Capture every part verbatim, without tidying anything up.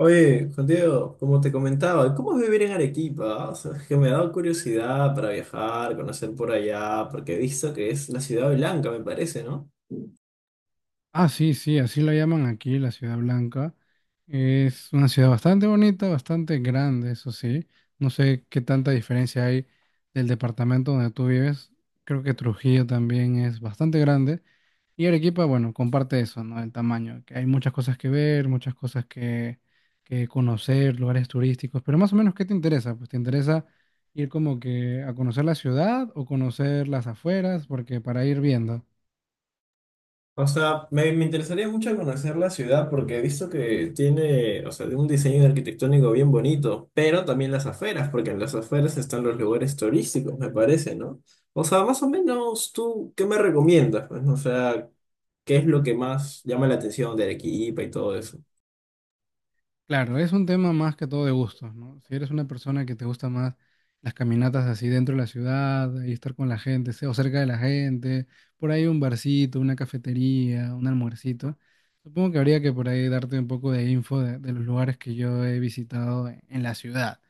Oye, Juan Diego, como te comentaba, ¿cómo es vivir en Arequipa? O sea, es que me ha dado curiosidad para viajar, conocer por allá, porque he visto que es la ciudad blanca, me parece, ¿no? Ah, sí, sí, así la llaman aquí, la Ciudad Blanca. Es una ciudad bastante bonita, bastante grande, eso sí. No sé qué tanta diferencia hay del departamento donde tú vives. Creo que Trujillo también es bastante grande. Y Arequipa, bueno, comparte eso, ¿no? El tamaño, que hay muchas cosas que ver, muchas cosas que, que conocer, lugares turísticos. Pero más o menos, ¿qué te interesa? Pues te interesa ir como que a conocer la ciudad o conocer las afueras, porque para ir viendo. O sea, me, me interesaría mucho conocer la ciudad porque he visto que tiene, o sea, un diseño arquitectónico bien bonito, pero también las afueras, porque en las afueras están los lugares turísticos, me parece, ¿no? O sea, más o menos, ¿tú qué me recomiendas? Pues, o sea, ¿qué es lo que más llama la atención de Arequipa y todo eso? Claro, es un tema más que todo de gustos, ¿no? Si eres una persona que te gusta más las caminatas así dentro de la ciudad y estar con la gente, se- o cerca de la gente, por ahí un barcito, una cafetería, un almuercito, supongo que habría que por ahí darte un poco de info de, de los lugares que yo he visitado en en la ciudad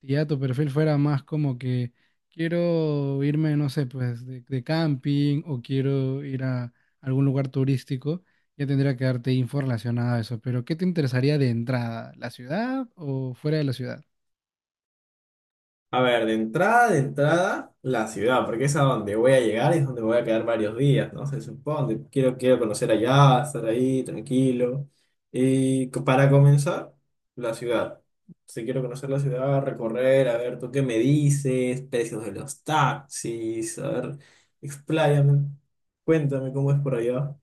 si ya tu perfil fuera más como que quiero irme, no sé, pues de, de camping o quiero ir a algún lugar turístico, ya tendría que darte info relacionada a eso. Pero ¿qué te interesaría de entrada? ¿La ciudad o fuera de la ciudad? A ver, de entrada, de entrada, la ciudad, porque es a donde voy a llegar y es donde voy a quedar varios días, ¿no? Se supone, quiero, quiero conocer allá, estar ahí, tranquilo. Y co- para comenzar, la ciudad. Si quiero conocer la ciudad, recorrer, a ver, tú qué me dices, precios de los taxis, a ver, expláyame, cuéntame cómo es por allá.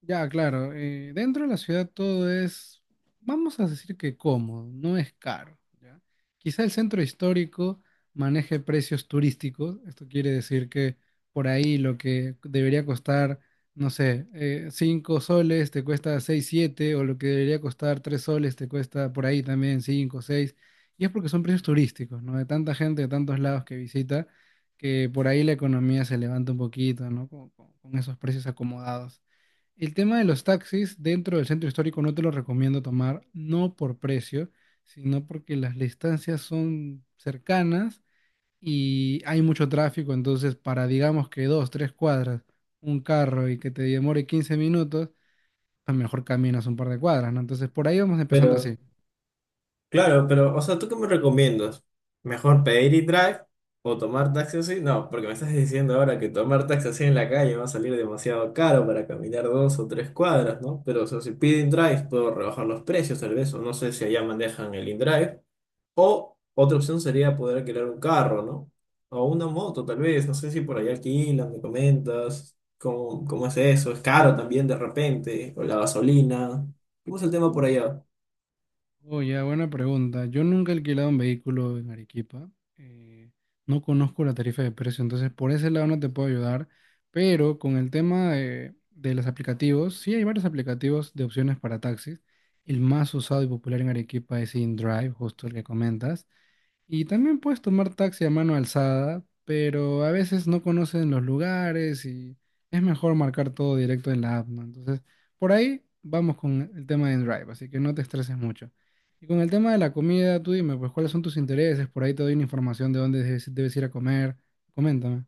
Ya, claro. Eh, dentro de la ciudad todo es, vamos a decir que cómodo, no es caro, ¿ya? Quizá el centro histórico maneje precios turísticos. Esto quiere decir que por ahí lo que debería costar, no sé, eh, cinco soles te cuesta seis, siete o lo que debería costar tres soles te cuesta por ahí también cinco, seis. Y es porque son precios turísticos, ¿no? De tanta gente, de tantos lados que visita, que por ahí la economía se levanta un poquito, ¿no? Con con- con esos precios acomodados. El tema de los taxis dentro del centro histórico no te lo recomiendo tomar, no por precio, sino porque las distancias son cercanas y hay mucho tráfico, entonces para digamos que dos, tres cuadras, un carro y que te demore quince minutos, pues mejor caminas un par de cuadras, ¿no? Entonces por ahí vamos empezando Pero así. Claro, pero, o sea, ¿tú qué me recomiendas? ¿Mejor pedir y drive o tomar taxi así? No, porque me estás diciendo ahora que tomar taxi así en la calle va a salir demasiado caro para caminar dos o tres cuadras, ¿no? Pero, o sea, si pido in-drive, puedo rebajar los precios tal vez, o no sé si allá manejan el in-drive. O otra opción sería poder alquilar un carro, ¿no? O una moto tal vez, no sé si por allá alquilan, me comentas, ¿cómo, cómo es eso? ¿Es caro también de repente? ¿O la gasolina? ¿Cómo es el tema por allá? Oh, ya, buena pregunta. Yo nunca he alquilado un vehículo en Arequipa. eh, no conozco la tarifa de precio, entonces por ese lado no te puedo ayudar. Pero con el tema de, de los aplicativos, sí hay varios aplicativos de opciones para taxis. El más usado y popular en Arequipa es InDrive, justo el que comentas. Y también puedes tomar taxi a mano alzada, pero a veces no conocen los lugares y es mejor marcar todo directo en la app, ¿no? Entonces, por ahí vamos con el tema de Drive, así que no te estreses mucho. Y con el tema de la comida, tú dime, pues, ¿cuáles son tus intereses? Por ahí te doy una información de dónde debes, debes ir a comer. Coméntame.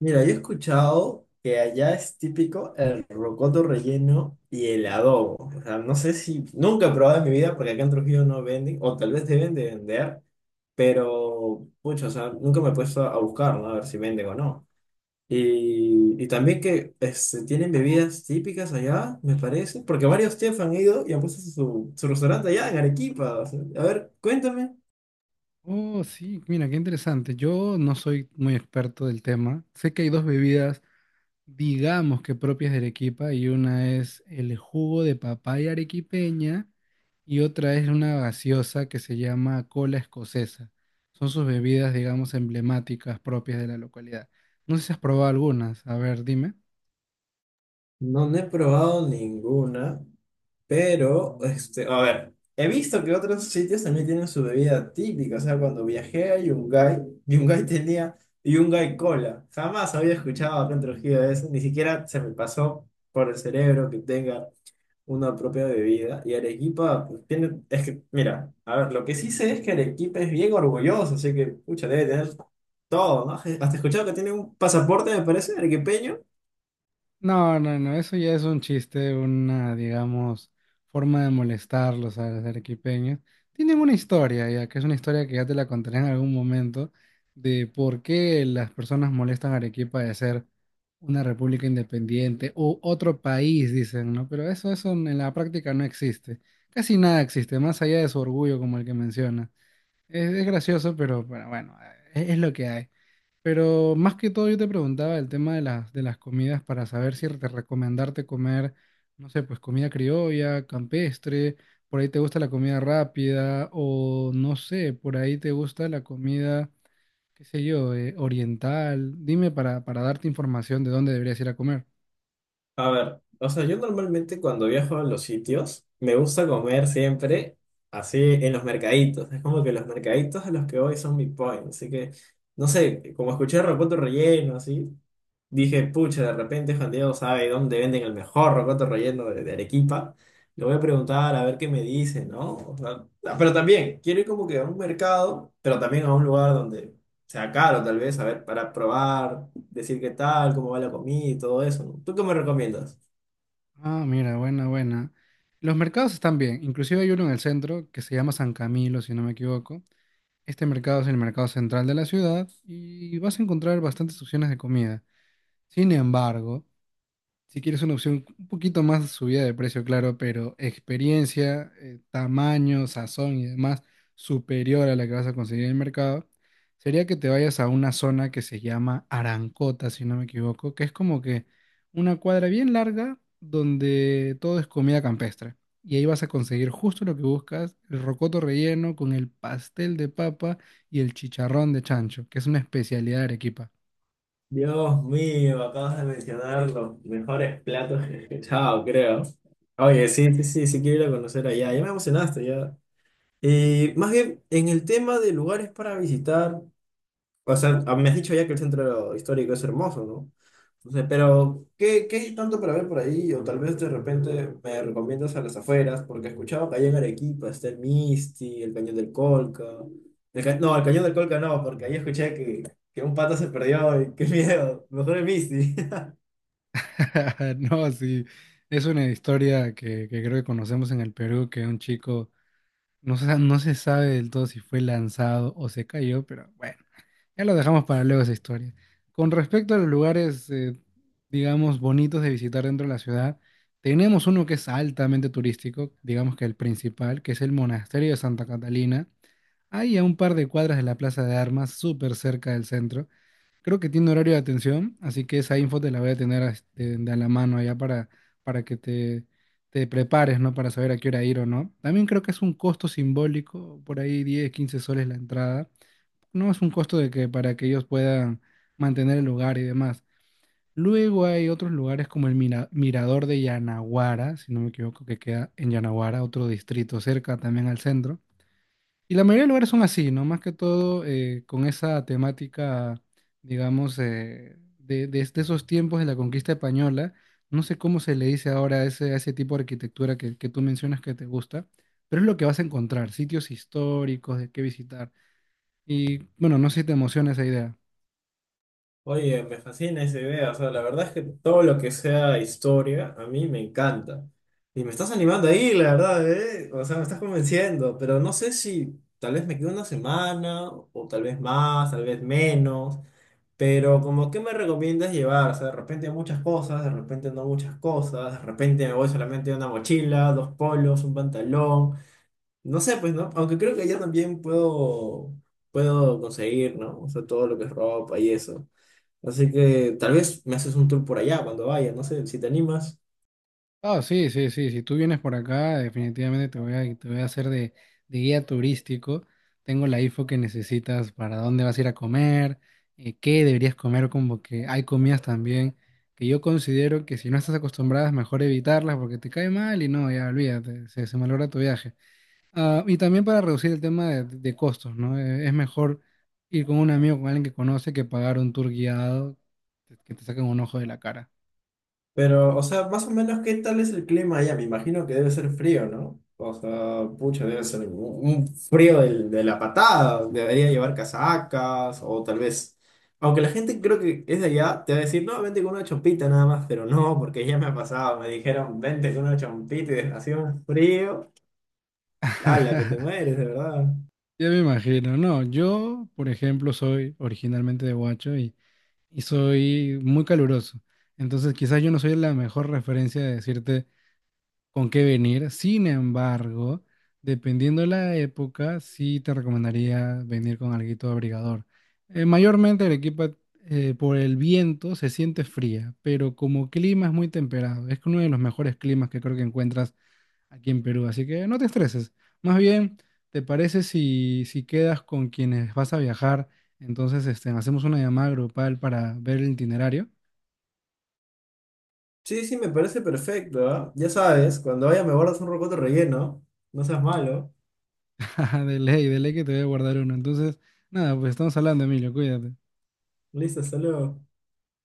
Mira, yo he escuchado que allá es típico el rocoto relleno y el adobo. O sea, no sé si nunca he probado en mi vida porque acá en Trujillo no venden, o tal vez deben de vender, pero pucha, o sea, nunca me he puesto a buscar, ¿no? A ver si venden o no. Y, y también que este, tienen bebidas típicas allá, me parece, porque varios chefs han ido y han puesto su, su restaurante allá en Arequipa. O sea, a ver, cuéntame. Oh, sí, mira, qué interesante. Yo no soy muy experto del tema. Sé que hay dos bebidas, digamos que propias de Arequipa, y una es el jugo de papaya arequipeña. Y otra es una gaseosa que se llama cola escocesa. Son sus bebidas, digamos, emblemáticas propias de la localidad. No sé si has probado algunas. A ver, dime. No, no he probado ninguna. Pero, este, a ver, he visto que otros sitios también tienen su bebida típica. O sea, cuando viajé a Yungay, Yungay tenía Yungay Cola. Jamás había escuchado acá en Trujillo de eso, ni siquiera se me pasó por el cerebro que tenga una propia bebida. Y Arequipa, pues, tiene, es que, mira, a ver, lo que sí sé es que Arequipa es bien orgulloso, así que, pucha, debe tener todo, ¿no? Hasta he escuchado que tiene un pasaporte, me parece, arequipeño. No, no, no, eso ya es un chiste, una, digamos, forma de molestarlos a los arequipeños. Tienen una historia, ya que es una historia que ya te la contaré en algún momento, de por qué las personas molestan a Arequipa de ser una república independiente o otro país, dicen, ¿no? Pero eso, eso en la práctica no existe. Casi nada existe, más allá de su orgullo como el que menciona. Es, es gracioso, pero, pero bueno, es es lo que hay. Pero más que todo yo te preguntaba el tema de las, de las comidas para saber si te recomendarte comer, no sé, pues comida criolla, campestre, por ahí te gusta la comida rápida o no sé, por ahí te gusta la comida, qué sé yo, eh, oriental. Dime para, para darte información de dónde deberías ir a comer. A ver, o sea, yo normalmente cuando viajo a los sitios, me gusta comer siempre así en los mercaditos. Es como que los mercaditos a los que voy son mi point. Así que, no sé, como escuché rocoto relleno, así, dije, pucha, de repente Juan Diego sabe dónde venden el mejor rocoto relleno de, de Arequipa. Le voy a preguntar a ver qué me dice, ¿no? O sea, ah, pero también, quiero ir como que a un mercado, pero también a un lugar donde sea caro, tal vez, a ver, para probar decir qué tal, cómo va la comida y todo eso, ¿no? ¿Tú qué me recomiendas? Ah, mira, buena, buena. Los mercados están bien, inclusive hay uno en el centro que se llama San Camilo, si no me equivoco. Este mercado es el mercado central de la ciudad y vas a encontrar bastantes opciones de comida. Sin embargo, si quieres una opción un poquito más de subida de precio, claro, pero experiencia, eh, tamaño, sazón y demás superior a la que vas a conseguir en el mercado, sería que te vayas a una zona que se llama Arancota, si no me equivoco, que es como que una cuadra bien larga donde todo es comida campestre. Y ahí vas a conseguir justo lo que buscas, el rocoto relleno con el pastel de papa y el chicharrón de chancho, que es una especialidad de Arequipa. Dios mío, acabas de mencionar los mejores platos que he escuchado, creo. Oye, sí, sí, sí, sí quiero ir a conocer allá, ya me emocionaste, ya. Y más bien, en el tema de lugares para visitar, o sea, ah, me has dicho ya que el centro histórico es hermoso, ¿no? Entonces, pero, ¿qué, qué hay tanto para ver por ahí? O tal vez de repente me recomiendas a las afueras, porque he escuchado que allá en Arequipa está el Misti, el Cañón del Colca. El ca- No, el Cañón del Colca no, porque ahí escuché que, que un pato se perdió y qué miedo. Mejor el Misti. No, sí, es una historia que, que creo que conocemos en el Perú, que un chico, no se, no se sabe del todo si fue lanzado o se cayó, pero bueno, ya lo dejamos para luego esa historia. Con respecto a los lugares, eh, digamos, bonitos de visitar dentro de la ciudad, tenemos uno que es altamente turístico, digamos que el principal, que es el Monasterio de Santa Catalina, ahí a un par de cuadras de la Plaza de Armas, súper cerca del centro. Creo que tiene horario de atención, así que esa info te la voy a tener este, de a la mano allá para, para que te, te prepares, ¿no? Para saber a qué hora ir o no. También creo que es un costo simbólico, por ahí diez, quince soles la entrada. No es un costo de que para que ellos puedan mantener el lugar y demás. Luego hay otros lugares como el Mira- Mirador de Yanaguara, si no me equivoco, que queda en Yanaguara, otro distrito cerca también al centro y la mayoría de lugares son así, ¿no? Más que todo eh, con esa temática, digamos, eh, de, de, de esos tiempos de la conquista española. No sé cómo se le dice ahora a ese, a ese tipo de arquitectura que, que tú mencionas que te gusta, pero es lo que vas a encontrar, sitios históricos de qué visitar. Y bueno, no sé si te emociona esa idea. Oye, me fascina esa idea. O sea, la verdad es que todo lo que sea historia, a mí me encanta. Y me estás animando ahí, la verdad, ¿eh? O sea, me estás convenciendo, pero no sé si tal vez me quedo una semana, o tal vez más, tal vez menos. Pero como, ¿qué me recomiendas llevar? O sea, de repente muchas cosas, de repente no muchas cosas, de repente me voy solamente una mochila, dos polos, un pantalón. No sé, pues, ¿no? Aunque creo que allá también puedo, puedo conseguir, ¿no? O sea, todo lo que es ropa y eso. Así que tal vez me haces un tour por allá cuando vaya, no sé si te animas. Ah, sí, sí, sí. Si tú vienes por acá, definitivamente te voy a, te voy a hacer de, de guía turístico. Tengo la info que necesitas para dónde vas a ir a comer, eh, qué deberías comer, como que hay comidas también que yo considero que si no estás acostumbrada es mejor evitarlas porque te cae mal y no, ya olvídate, se, se malogra tu viaje. Ah, y también para reducir el tema de, de costos, ¿no? Eh, es mejor ir con un amigo, con alguien que conoce, que pagar un tour guiado que te saquen un ojo de la cara. Pero, o sea, más o menos, ¿qué tal es el clima allá? Me imagino que debe ser frío, ¿no? O sea, pucha, debe ser un un frío del- de la patada. Debería llevar casacas o tal vez... Aunque la gente creo que es de allá, te va a decir, no, vente con una chompita nada más, pero no, porque ya me ha pasado. Me dijeron, vente con una chompita y hacía un frío. ¡Hala, que te mueres, de verdad! Ya me imagino, no, yo, por ejemplo, soy originalmente de Huacho y, y soy muy caluroso. Entonces, quizás yo no soy la mejor referencia de decirte con qué venir. Sin embargo, dependiendo de la época, sí te recomendaría venir con alguito abrigador. Eh, mayormente Arequipa, eh, por el viento, se siente fría, pero como clima es muy temperado. Es uno de los mejores climas que creo que encuentras aquí en Perú, así que no te estreses. Más bien, ¿te parece si, si quedas con quienes vas a viajar? Entonces, este, hacemos una llamada grupal para ver el itinerario. Sí, sí, me parece perfecto, ¿ah? Ya sabes, cuando vaya me guardas un rocoto relleno. No seas malo. De ley, de ley que te voy a guardar uno. Entonces, nada, pues estamos hablando, Emilio, cuídate. Listo, hasta luego.